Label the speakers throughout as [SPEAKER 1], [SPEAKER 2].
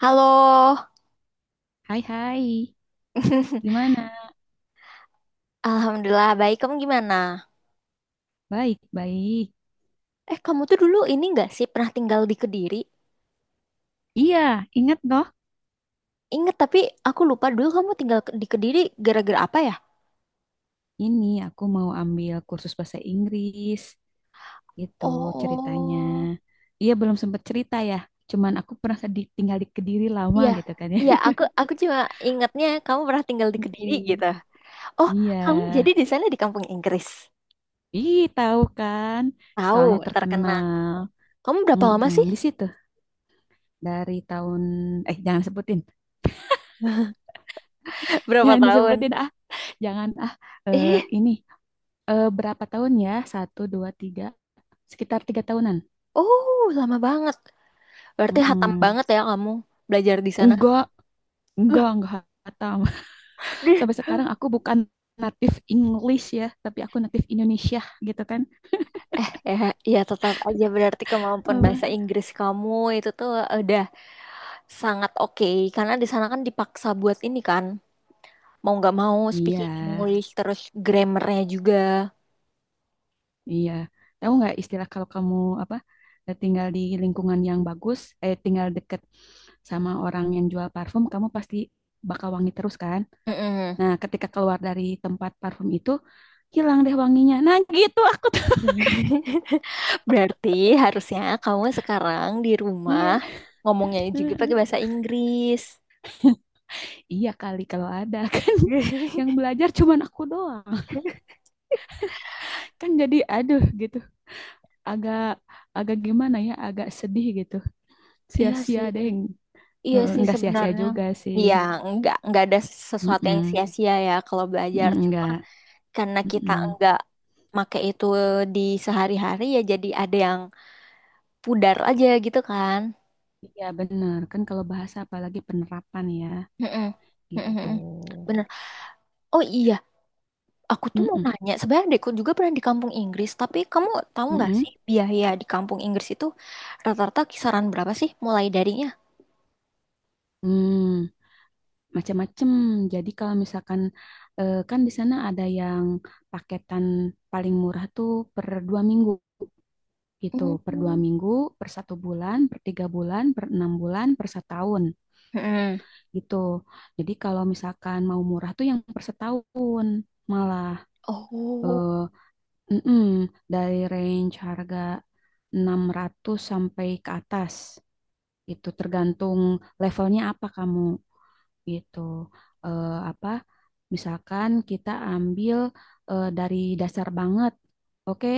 [SPEAKER 1] Halo,
[SPEAKER 2] Hai hai, gimana?
[SPEAKER 1] Alhamdulillah baik. Kamu gimana?
[SPEAKER 2] Baik, baik.
[SPEAKER 1] Eh, kamu tuh dulu ini nggak sih pernah tinggal di Kediri?
[SPEAKER 2] Iya, ingat toh,
[SPEAKER 1] Ingat tapi aku lupa dulu kamu tinggal di Kediri gara-gara apa ya?
[SPEAKER 2] ini aku mau ambil kursus bahasa Inggris, gitu ceritanya.
[SPEAKER 1] Oh,
[SPEAKER 2] Iya, belum sempat cerita ya, cuman aku pernah tinggal di Kediri lama
[SPEAKER 1] iya,
[SPEAKER 2] gitu kan ya.
[SPEAKER 1] iya. Aku cuma ingatnya kamu pernah tinggal di Kediri
[SPEAKER 2] Mm-mm.
[SPEAKER 1] gitu. Oh,
[SPEAKER 2] Iya,
[SPEAKER 1] kamu jadi di sana di kampung Inggris.
[SPEAKER 2] ih tahu kan,
[SPEAKER 1] Tahu,
[SPEAKER 2] sekolahnya
[SPEAKER 1] terkenal.
[SPEAKER 2] terkenal.
[SPEAKER 1] Kamu berapa lama
[SPEAKER 2] Mm-mm.
[SPEAKER 1] sih?
[SPEAKER 2] Di situ dari tahun, eh jangan sebutin,
[SPEAKER 1] Berapa
[SPEAKER 2] jangan disebutin
[SPEAKER 1] tahun?
[SPEAKER 2] ah, jangan ah. Eh,
[SPEAKER 1] Eh,
[SPEAKER 2] ini, berapa tahun ya? Satu, dua, tiga, sekitar 3 tahunan.
[SPEAKER 1] oh, lama banget. Berarti hatam
[SPEAKER 2] Mm-mm.
[SPEAKER 1] banget ya kamu belajar di sana.
[SPEAKER 2] Enggak, enggak hatam. Sampai sekarang aku bukan native English ya, tapi aku native Indonesia gitu kan.
[SPEAKER 1] Ya, ya tetap aja berarti kemampuan
[SPEAKER 2] Apa?
[SPEAKER 1] bahasa Inggris kamu itu tuh udah sangat oke karena di sana kan dipaksa buat ini kan mau nggak mau
[SPEAKER 2] Iya,
[SPEAKER 1] speaking English terus grammarnya juga.
[SPEAKER 2] iya. Tahu nggak istilah kalau kamu apa, tinggal di lingkungan yang bagus, tinggal deket sama orang yang jual parfum, kamu pasti bakal wangi terus kan?
[SPEAKER 1] Mm-mm.
[SPEAKER 2] Nah, ketika keluar dari tempat parfum itu, hilang deh wanginya. Nah, gitu. Ah.
[SPEAKER 1] Berarti harusnya kamu sekarang di rumah
[SPEAKER 2] Iya.
[SPEAKER 1] ngomongnya juga pakai bahasa Inggris.
[SPEAKER 2] Iya kali kalau ada kan. Yang belajar cuman aku doang, kan jadi aduh gitu agak agak gimana ya agak sedih gitu,
[SPEAKER 1] Iya
[SPEAKER 2] sia-sia
[SPEAKER 1] sih,
[SPEAKER 2] deh.
[SPEAKER 1] iya sih
[SPEAKER 2] Nggak sia-sia
[SPEAKER 1] sebenarnya.
[SPEAKER 2] juga sih.
[SPEAKER 1] Iya, nggak ada sesuatu yang
[SPEAKER 2] Mm-mm.
[SPEAKER 1] sia-sia ya kalau belajar.
[SPEAKER 2] Mm-mm, enggak.
[SPEAKER 1] Karena kita
[SPEAKER 2] Mm-mm.
[SPEAKER 1] enggak make itu di sehari-hari ya jadi ada yang pudar aja gitu kan.
[SPEAKER 2] Iya bener kan kalau bahasa apalagi penerapan ya,
[SPEAKER 1] Mm-mm. Mm-mm.
[SPEAKER 2] gitu.
[SPEAKER 1] Bener. Oh iya, aku tuh mau
[SPEAKER 2] Mm-mm.
[SPEAKER 1] nanya. Sebenarnya adekku juga pernah di kampung Inggris, tapi kamu tahu nggak
[SPEAKER 2] Mm-mm.
[SPEAKER 1] sih biaya di kampung Inggris itu rata-rata kisaran berapa sih mulai darinya?
[SPEAKER 2] Hmm, macam-macam jadi kalau misalkan, kan di sana ada yang paketan paling murah tuh per 2 minggu gitu, per dua
[SPEAKER 1] Mm.
[SPEAKER 2] minggu per 1 bulan, per 3 bulan, per 6 bulan, per setahun
[SPEAKER 1] Mm-mm.
[SPEAKER 2] gitu. Jadi kalau misalkan mau murah tuh yang per setahun malah,
[SPEAKER 1] Oh.
[SPEAKER 2] eh, mm-mm, dari range harga 600 sampai ke atas. Itu tergantung levelnya apa kamu gitu. Apa misalkan kita ambil, dari dasar banget. Oke,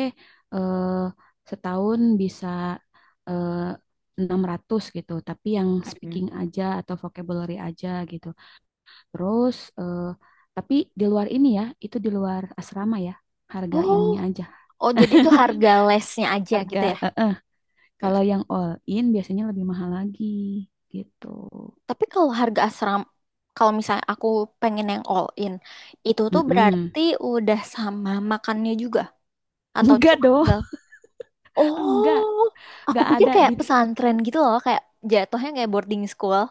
[SPEAKER 2] eh, setahun bisa, eh, 600 gitu, tapi yang
[SPEAKER 1] Mm.
[SPEAKER 2] speaking aja atau vocabulary aja gitu. Terus, tapi di luar ini ya, itu di luar asrama ya, harga
[SPEAKER 1] Oh,
[SPEAKER 2] ininya aja.
[SPEAKER 1] oh, jadi itu harga lesnya aja
[SPEAKER 2] Harga,
[SPEAKER 1] gitu ya?
[SPEAKER 2] eh, eh. Kalau yang all in biasanya lebih mahal lagi gitu.
[SPEAKER 1] Tapi kalau harga asrama, kalau misalnya aku pengen yang all in, itu tuh
[SPEAKER 2] Mm-mm.
[SPEAKER 1] berarti udah sama makannya juga atau
[SPEAKER 2] Enggak
[SPEAKER 1] cuma
[SPEAKER 2] dong,
[SPEAKER 1] tinggal?
[SPEAKER 2] enggak,
[SPEAKER 1] Oh, aku
[SPEAKER 2] enggak
[SPEAKER 1] pikir
[SPEAKER 2] ada
[SPEAKER 1] kayak
[SPEAKER 2] di.
[SPEAKER 1] pesantren gitu loh, kayak jatuhnya kayak boarding school.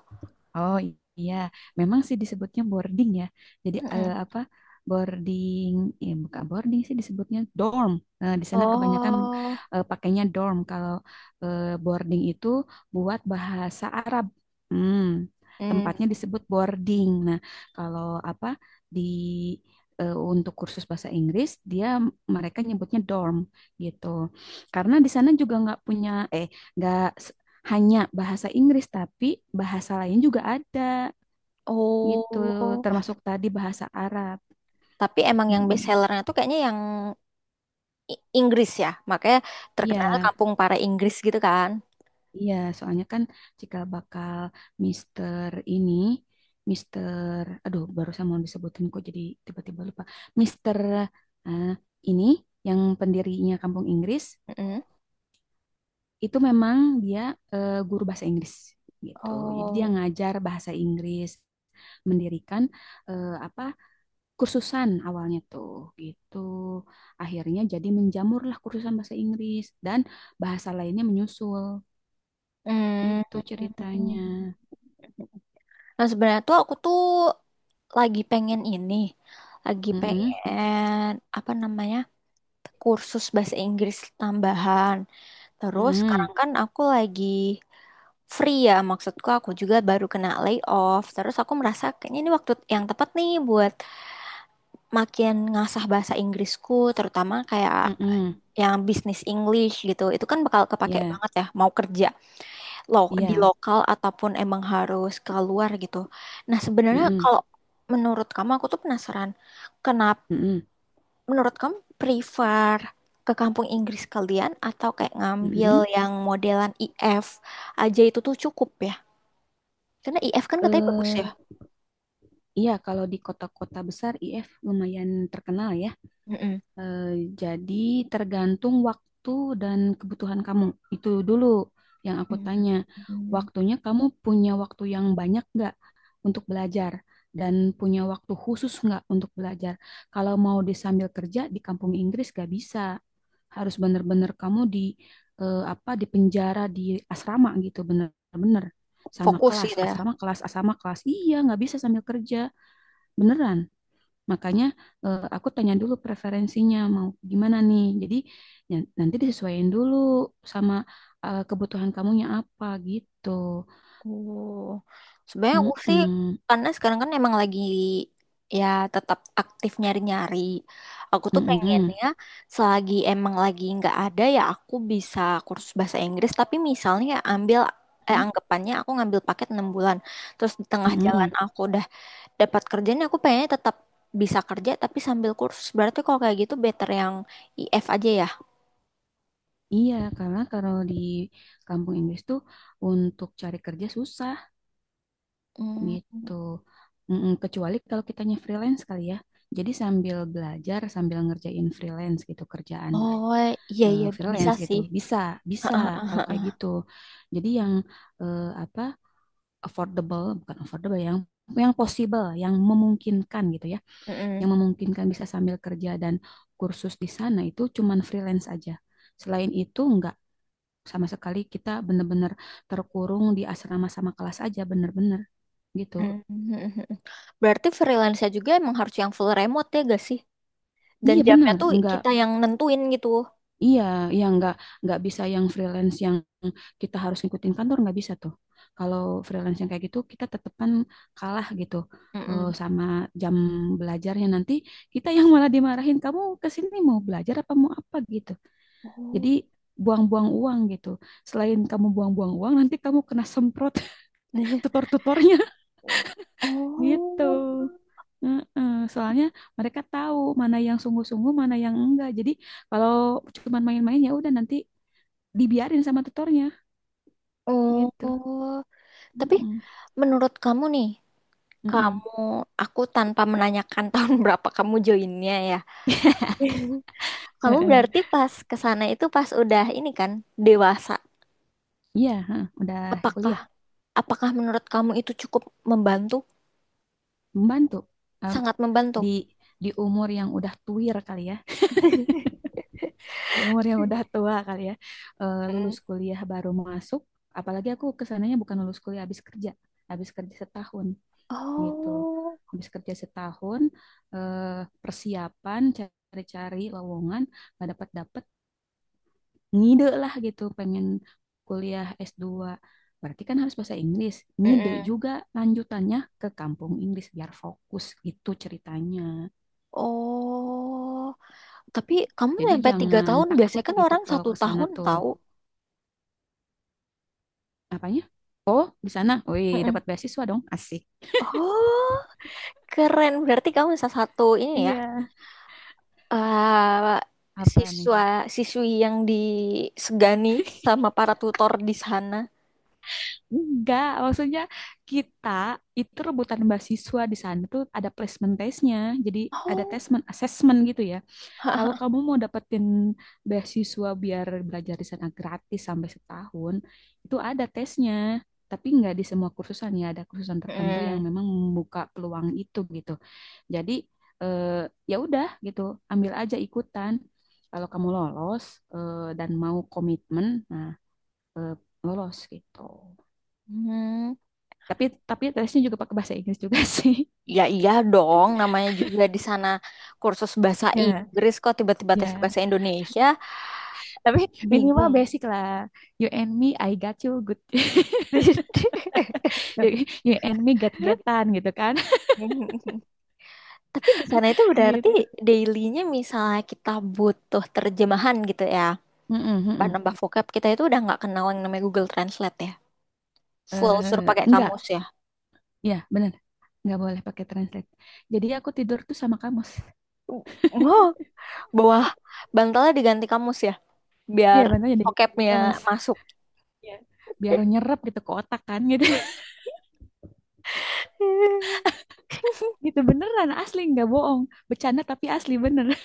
[SPEAKER 2] Oh iya, memang sih disebutnya boarding ya. Jadi,
[SPEAKER 1] Mm-mm.
[SPEAKER 2] apa boarding, ya, bukan boarding sih disebutnya dorm. Di sana kebanyakan,
[SPEAKER 1] Oh,
[SPEAKER 2] pakainya dorm. Kalau, boarding itu buat bahasa Arab. Hmm, tempatnya
[SPEAKER 1] mm.
[SPEAKER 2] disebut boarding. Nah, kalau apa di, untuk kursus bahasa Inggris mereka nyebutnya dorm gitu. Karena di sana juga nggak punya eh nggak hanya bahasa Inggris, tapi bahasa lain juga ada gitu,
[SPEAKER 1] Oh,
[SPEAKER 2] termasuk tadi bahasa Arab.
[SPEAKER 1] tapi emang yang best
[SPEAKER 2] Hmm,
[SPEAKER 1] sellernya tuh kayaknya yang Inggris ya, makanya
[SPEAKER 2] iya,
[SPEAKER 1] terkenal kampung para Inggris gitu kan.
[SPEAKER 2] iya, soalnya kan jika bakal Mister ini, Mister, aduh, barusan mau disebutin kok jadi tiba-tiba lupa. Mister, eh, ini yang pendirinya Kampung Inggris
[SPEAKER 1] Mm-mm.
[SPEAKER 2] itu memang dia, guru bahasa Inggris gitu, jadi dia
[SPEAKER 1] Oh.
[SPEAKER 2] ngajar bahasa Inggris mendirikan, apa, kursusan awalnya tuh gitu. Akhirnya jadi menjamurlah kursusan bahasa Inggris dan bahasa lainnya menyusul
[SPEAKER 1] Hmm.
[SPEAKER 2] gitu ceritanya.
[SPEAKER 1] Nah, sebenarnya tuh aku tuh lagi pengen ini, lagi
[SPEAKER 2] Mm-mm,
[SPEAKER 1] pengen apa namanya kursus bahasa Inggris tambahan. Terus
[SPEAKER 2] mm-mm,
[SPEAKER 1] sekarang kan aku lagi free ya, maksudku aku juga baru kena layoff. Terus aku merasa kayaknya ini waktu yang tepat nih buat makin ngasah bahasa Inggrisku, terutama kayak
[SPEAKER 2] mm-mm.
[SPEAKER 1] yang bisnis English gitu. Itu kan bakal kepake
[SPEAKER 2] Ya,
[SPEAKER 1] banget ya, mau kerja lo di
[SPEAKER 2] iya.
[SPEAKER 1] lokal ataupun emang harus keluar gitu. Nah, sebenarnya
[SPEAKER 2] Mm-mm,
[SPEAKER 1] kalau menurut kamu aku tuh penasaran, kenapa
[SPEAKER 2] mm-mm,
[SPEAKER 1] menurut kamu prefer ke kampung Inggris kalian atau kayak ngambil
[SPEAKER 2] mm-mm.
[SPEAKER 1] yang modelan IF aja itu tuh cukup ya? Karena IF kan katanya bagus
[SPEAKER 2] Eh,
[SPEAKER 1] ya.
[SPEAKER 2] iya kalau di kota-kota besar IF lumayan terkenal ya.
[SPEAKER 1] Mm-mm.
[SPEAKER 2] Eh, jadi tergantung waktu dan kebutuhan kamu. Itu dulu yang aku tanya.
[SPEAKER 1] Mm.
[SPEAKER 2] Waktunya kamu punya waktu yang banyak nggak untuk belajar dan punya waktu khusus nggak untuk belajar. Kalau mau disambil kerja di kampung Inggris nggak bisa. Harus bener-bener kamu di, apa di penjara di asrama gitu bener-bener, sama
[SPEAKER 1] Fokus
[SPEAKER 2] kelas
[SPEAKER 1] gitu ya.
[SPEAKER 2] asrama kelas asrama kelas. Iya nggak bisa sambil kerja beneran. Makanya, aku tanya dulu preferensinya mau gimana nih. Jadi ya, nanti disesuaikan dulu sama, kebutuhan kamunya apa gitu.
[SPEAKER 1] Oh, sebenarnya aku sih
[SPEAKER 2] Mm-mm.
[SPEAKER 1] karena sekarang kan emang lagi ya tetap aktif nyari-nyari. Aku tuh
[SPEAKER 2] Mm-mm.
[SPEAKER 1] pengennya selagi emang lagi nggak ada ya aku bisa kursus bahasa Inggris. Tapi misalnya ya,
[SPEAKER 2] Mm,
[SPEAKER 1] anggapannya aku ngambil paket 6 bulan. Terus di tengah jalan
[SPEAKER 2] mm-mm.
[SPEAKER 1] aku udah dapat kerjaan aku pengennya tetap bisa kerja tapi sambil kursus. Berarti kalau kayak gitu better yang IF aja ya.
[SPEAKER 2] Iya, karena kalau di kampung Inggris tuh untuk cari kerja susah
[SPEAKER 1] Hmm.
[SPEAKER 2] gitu. Mm-mm. Kecuali kalau kitanya freelance kali ya. Jadi sambil belajar, sambil ngerjain freelance gitu kerjaan.
[SPEAKER 1] Oh, iya,
[SPEAKER 2] eh,
[SPEAKER 1] iya, bisa
[SPEAKER 2] freelance gitu.
[SPEAKER 1] sih.
[SPEAKER 2] Bisa, bisa kalau
[SPEAKER 1] Heeh.
[SPEAKER 2] kayak gitu. Jadi yang, apa, affordable, bukan affordable yang possible, yang memungkinkan gitu ya.
[SPEAKER 1] Mm-mm.
[SPEAKER 2] Yang memungkinkan bisa sambil kerja dan kursus di sana itu cuman freelance aja. Selain itu enggak, sama sekali kita bener-bener terkurung di asrama sama kelas aja bener-bener gitu.
[SPEAKER 1] Mhm. Berarti freelance juga emang harus yang full remote ya gak sih? Dan
[SPEAKER 2] Iya
[SPEAKER 1] jamnya
[SPEAKER 2] bener,
[SPEAKER 1] tuh
[SPEAKER 2] enggak.
[SPEAKER 1] kita yang nentuin gitu.
[SPEAKER 2] Iya, iya, nggak bisa yang freelance yang kita harus ngikutin kantor, nggak bisa tuh. Kalau freelance yang kayak gitu kita tetepan kalah gitu,
[SPEAKER 1] Mm-mm.
[SPEAKER 2] sama jam belajarnya nanti kita yang malah dimarahin, kamu ke sini mau belajar apa mau apa gitu. Jadi
[SPEAKER 1] Oh.
[SPEAKER 2] buang-buang uang gitu. Selain kamu buang-buang uang nanti kamu kena semprot tutor-tutornya gitu.
[SPEAKER 1] Oh.
[SPEAKER 2] Heeh. Soalnya mereka tahu mana yang sungguh-sungguh, mana yang enggak. Jadi kalau cuman main-main ya udah nanti dibiarin sama tutornya gitu.
[SPEAKER 1] Oh. Tapi
[SPEAKER 2] Mm-mm,
[SPEAKER 1] menurut kamu nih,
[SPEAKER 2] mm-mm.
[SPEAKER 1] kamu aku tanpa menanyakan tahun berapa kamu joinnya ya. Kamu
[SPEAKER 2] Heeh.
[SPEAKER 1] berarti pas ke sana itu pas udah ini kan dewasa.
[SPEAKER 2] Iya, heeh, udah
[SPEAKER 1] Apakah
[SPEAKER 2] kuliah
[SPEAKER 1] apakah menurut kamu itu cukup membantu?
[SPEAKER 2] membantu. Em,
[SPEAKER 1] Sangat membantu.
[SPEAKER 2] di di umur yang udah tuir kali ya, di umur yang udah tua kali ya,
[SPEAKER 1] Mm.
[SPEAKER 2] lulus kuliah baru masuk. Apalagi aku kesananya bukan lulus kuliah, habis kerja setahun gitu,
[SPEAKER 1] Oh.
[SPEAKER 2] habis kerja setahun, eh, persiapan cari-cari lowongan nggak dapat dapat ngide lah gitu pengen kuliah S2, berarti kan harus bahasa Inggris, ngide
[SPEAKER 1] Mm-mm.
[SPEAKER 2] juga lanjutannya ke kampung Inggris biar fokus gitu ceritanya.
[SPEAKER 1] Oh, tapi kamu
[SPEAKER 2] Jadi
[SPEAKER 1] sampai tiga
[SPEAKER 2] jangan
[SPEAKER 1] tahun
[SPEAKER 2] takut
[SPEAKER 1] biasanya kan
[SPEAKER 2] gitu
[SPEAKER 1] orang
[SPEAKER 2] kalau
[SPEAKER 1] satu
[SPEAKER 2] ke sana
[SPEAKER 1] tahun
[SPEAKER 2] tuh
[SPEAKER 1] tahu.
[SPEAKER 2] apanya, oh di sana wih dapat
[SPEAKER 1] Mm-mm.
[SPEAKER 2] beasiswa dong asik.
[SPEAKER 1] Oh, keren. Berarti kamu salah satu ini ya,
[SPEAKER 2] Iya.
[SPEAKER 1] eh,
[SPEAKER 2] Apa nih?
[SPEAKER 1] siswa siswi yang disegani sama para tutor di sana.
[SPEAKER 2] Enggak, maksudnya kita itu rebutan beasiswa, di sana tuh ada placement testnya, jadi ada
[SPEAKER 1] Oh.
[SPEAKER 2] tesmen assessment gitu ya. Kalau kamu mau dapetin beasiswa biar belajar di sana gratis sampai setahun, itu ada tesnya. Tapi nggak di semua kursusan ya, ada kursusan tertentu yang
[SPEAKER 1] Mm-mm.
[SPEAKER 2] memang membuka peluang itu gitu. Jadi, eh, ya udah gitu, ambil aja ikutan. Kalau kamu lolos, dan mau komitmen, nah, eh, lolos gitu.
[SPEAKER 1] Hmm,
[SPEAKER 2] Tapi tapi tesnya juga pakai bahasa Inggris juga sih.
[SPEAKER 1] ya iya dong. Namanya juga di sana kursus bahasa
[SPEAKER 2] Ya,
[SPEAKER 1] Inggris kok tiba-tiba tes
[SPEAKER 2] ya.
[SPEAKER 1] bahasa Indonesia,
[SPEAKER 2] Tapi minimal
[SPEAKER 1] bingung.
[SPEAKER 2] basic lah. You and me, I got you, good. you and me get-getan gitu kan.
[SPEAKER 1] Tapi di sana itu berarti
[SPEAKER 2] Gitu.
[SPEAKER 1] dailynya misalnya kita butuh terjemahan gitu ya.
[SPEAKER 2] Mm-mm,
[SPEAKER 1] Bahan
[SPEAKER 2] mm-mm.
[SPEAKER 1] nambah vocab kita itu udah nggak kenal yang namanya Google Translate ya. Full suruh
[SPEAKER 2] Eh,
[SPEAKER 1] pakai
[SPEAKER 2] enggak
[SPEAKER 1] kamus ya.
[SPEAKER 2] ya bener, nggak boleh pakai translate, jadi aku tidur tuh sama kamus.
[SPEAKER 1] Wow, bawah bantalnya diganti kamus ya.
[SPEAKER 2] Iya
[SPEAKER 1] Biar
[SPEAKER 2] bener jadi di
[SPEAKER 1] vocabnya
[SPEAKER 2] kamus.
[SPEAKER 1] masuk.
[SPEAKER 2] Iya, biar nyerap gitu ke otak kan gitu. Gitu beneran asli nggak bohong, bercanda tapi asli bener.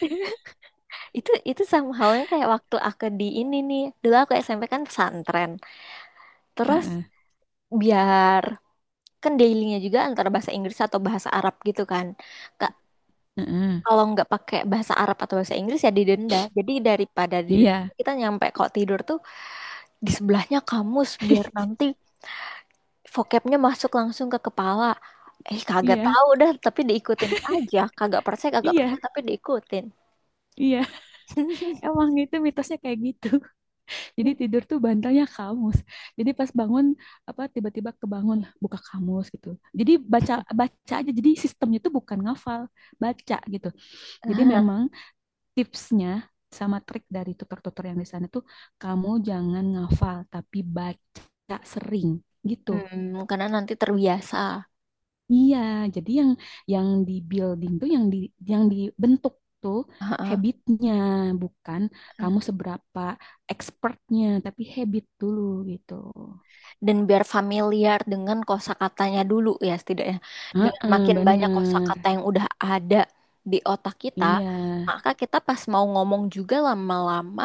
[SPEAKER 1] Itu sama halnya kayak waktu aku di ini nih. Dulu aku SMP kan pesantren. Terus
[SPEAKER 2] Heeh,
[SPEAKER 1] biar kan dailynya juga antara bahasa Inggris atau bahasa Arab gitu kan. Ke
[SPEAKER 2] heeh,
[SPEAKER 1] kalau nggak pakai bahasa Arab atau bahasa Inggris ya didenda. Jadi daripada didenda
[SPEAKER 2] iya.
[SPEAKER 1] kita nyampe kok tidur tuh di sebelahnya kamus biar nanti vocabnya masuk langsung ke kepala. Eh kagak
[SPEAKER 2] Iya,
[SPEAKER 1] tahu dah tapi diikutin aja. Kagak
[SPEAKER 2] iya,
[SPEAKER 1] percaya tapi diikutin.
[SPEAKER 2] iya, emang itu mitosnya kayak gitu. Jadi tidur tuh bantalnya kamus. Jadi pas bangun apa tiba-tiba kebangun buka kamus gitu. Jadi baca, baca aja. Jadi sistemnya tuh bukan ngafal, baca gitu. Jadi memang tipsnya sama trik dari tutor-tutor yang di sana tuh kamu jangan ngafal tapi baca sering gitu.
[SPEAKER 1] Hmm, karena nanti terbiasa.
[SPEAKER 2] Iya, jadi yang di building tuh yang dibentuk tuh habitnya bukan kamu seberapa expertnya tapi habit dulu gitu.
[SPEAKER 1] Dan biar familiar dengan kosakatanya dulu ya setidaknya. Dengan
[SPEAKER 2] Heeh,
[SPEAKER 1] makin banyak
[SPEAKER 2] bener.
[SPEAKER 1] kosakata yang udah ada di otak kita,
[SPEAKER 2] Iya,
[SPEAKER 1] maka kita pas mau ngomong juga lama-lama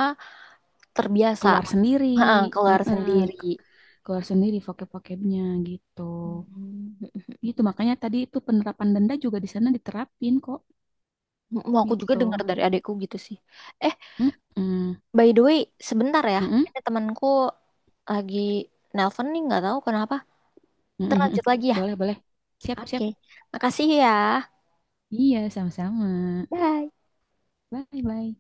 [SPEAKER 1] terbiasa.
[SPEAKER 2] keluar sendiri.
[SPEAKER 1] Heeh, keluar
[SPEAKER 2] Heeh,
[SPEAKER 1] sendiri.
[SPEAKER 2] keluar sendiri vocab-vocabnya gitu.
[SPEAKER 1] Hmm.
[SPEAKER 2] Gitu, makanya tadi itu penerapan denda juga di sana diterapin kok
[SPEAKER 1] Mm, aku juga
[SPEAKER 2] gitu.
[SPEAKER 1] dengar dari adekku gitu sih. Eh,
[SPEAKER 2] Heeh.
[SPEAKER 1] by the way, sebentar ya.
[SPEAKER 2] Heeh.
[SPEAKER 1] Ada temanku lagi nelpon nih, nggak tahu kenapa.
[SPEAKER 2] Heeh.
[SPEAKER 1] Terlanjut lagi ya.
[SPEAKER 2] Boleh, boleh. Siap, siap.
[SPEAKER 1] Oke, makasih ya.
[SPEAKER 2] Iya, sama-sama.
[SPEAKER 1] Bye.
[SPEAKER 2] Bye, bye.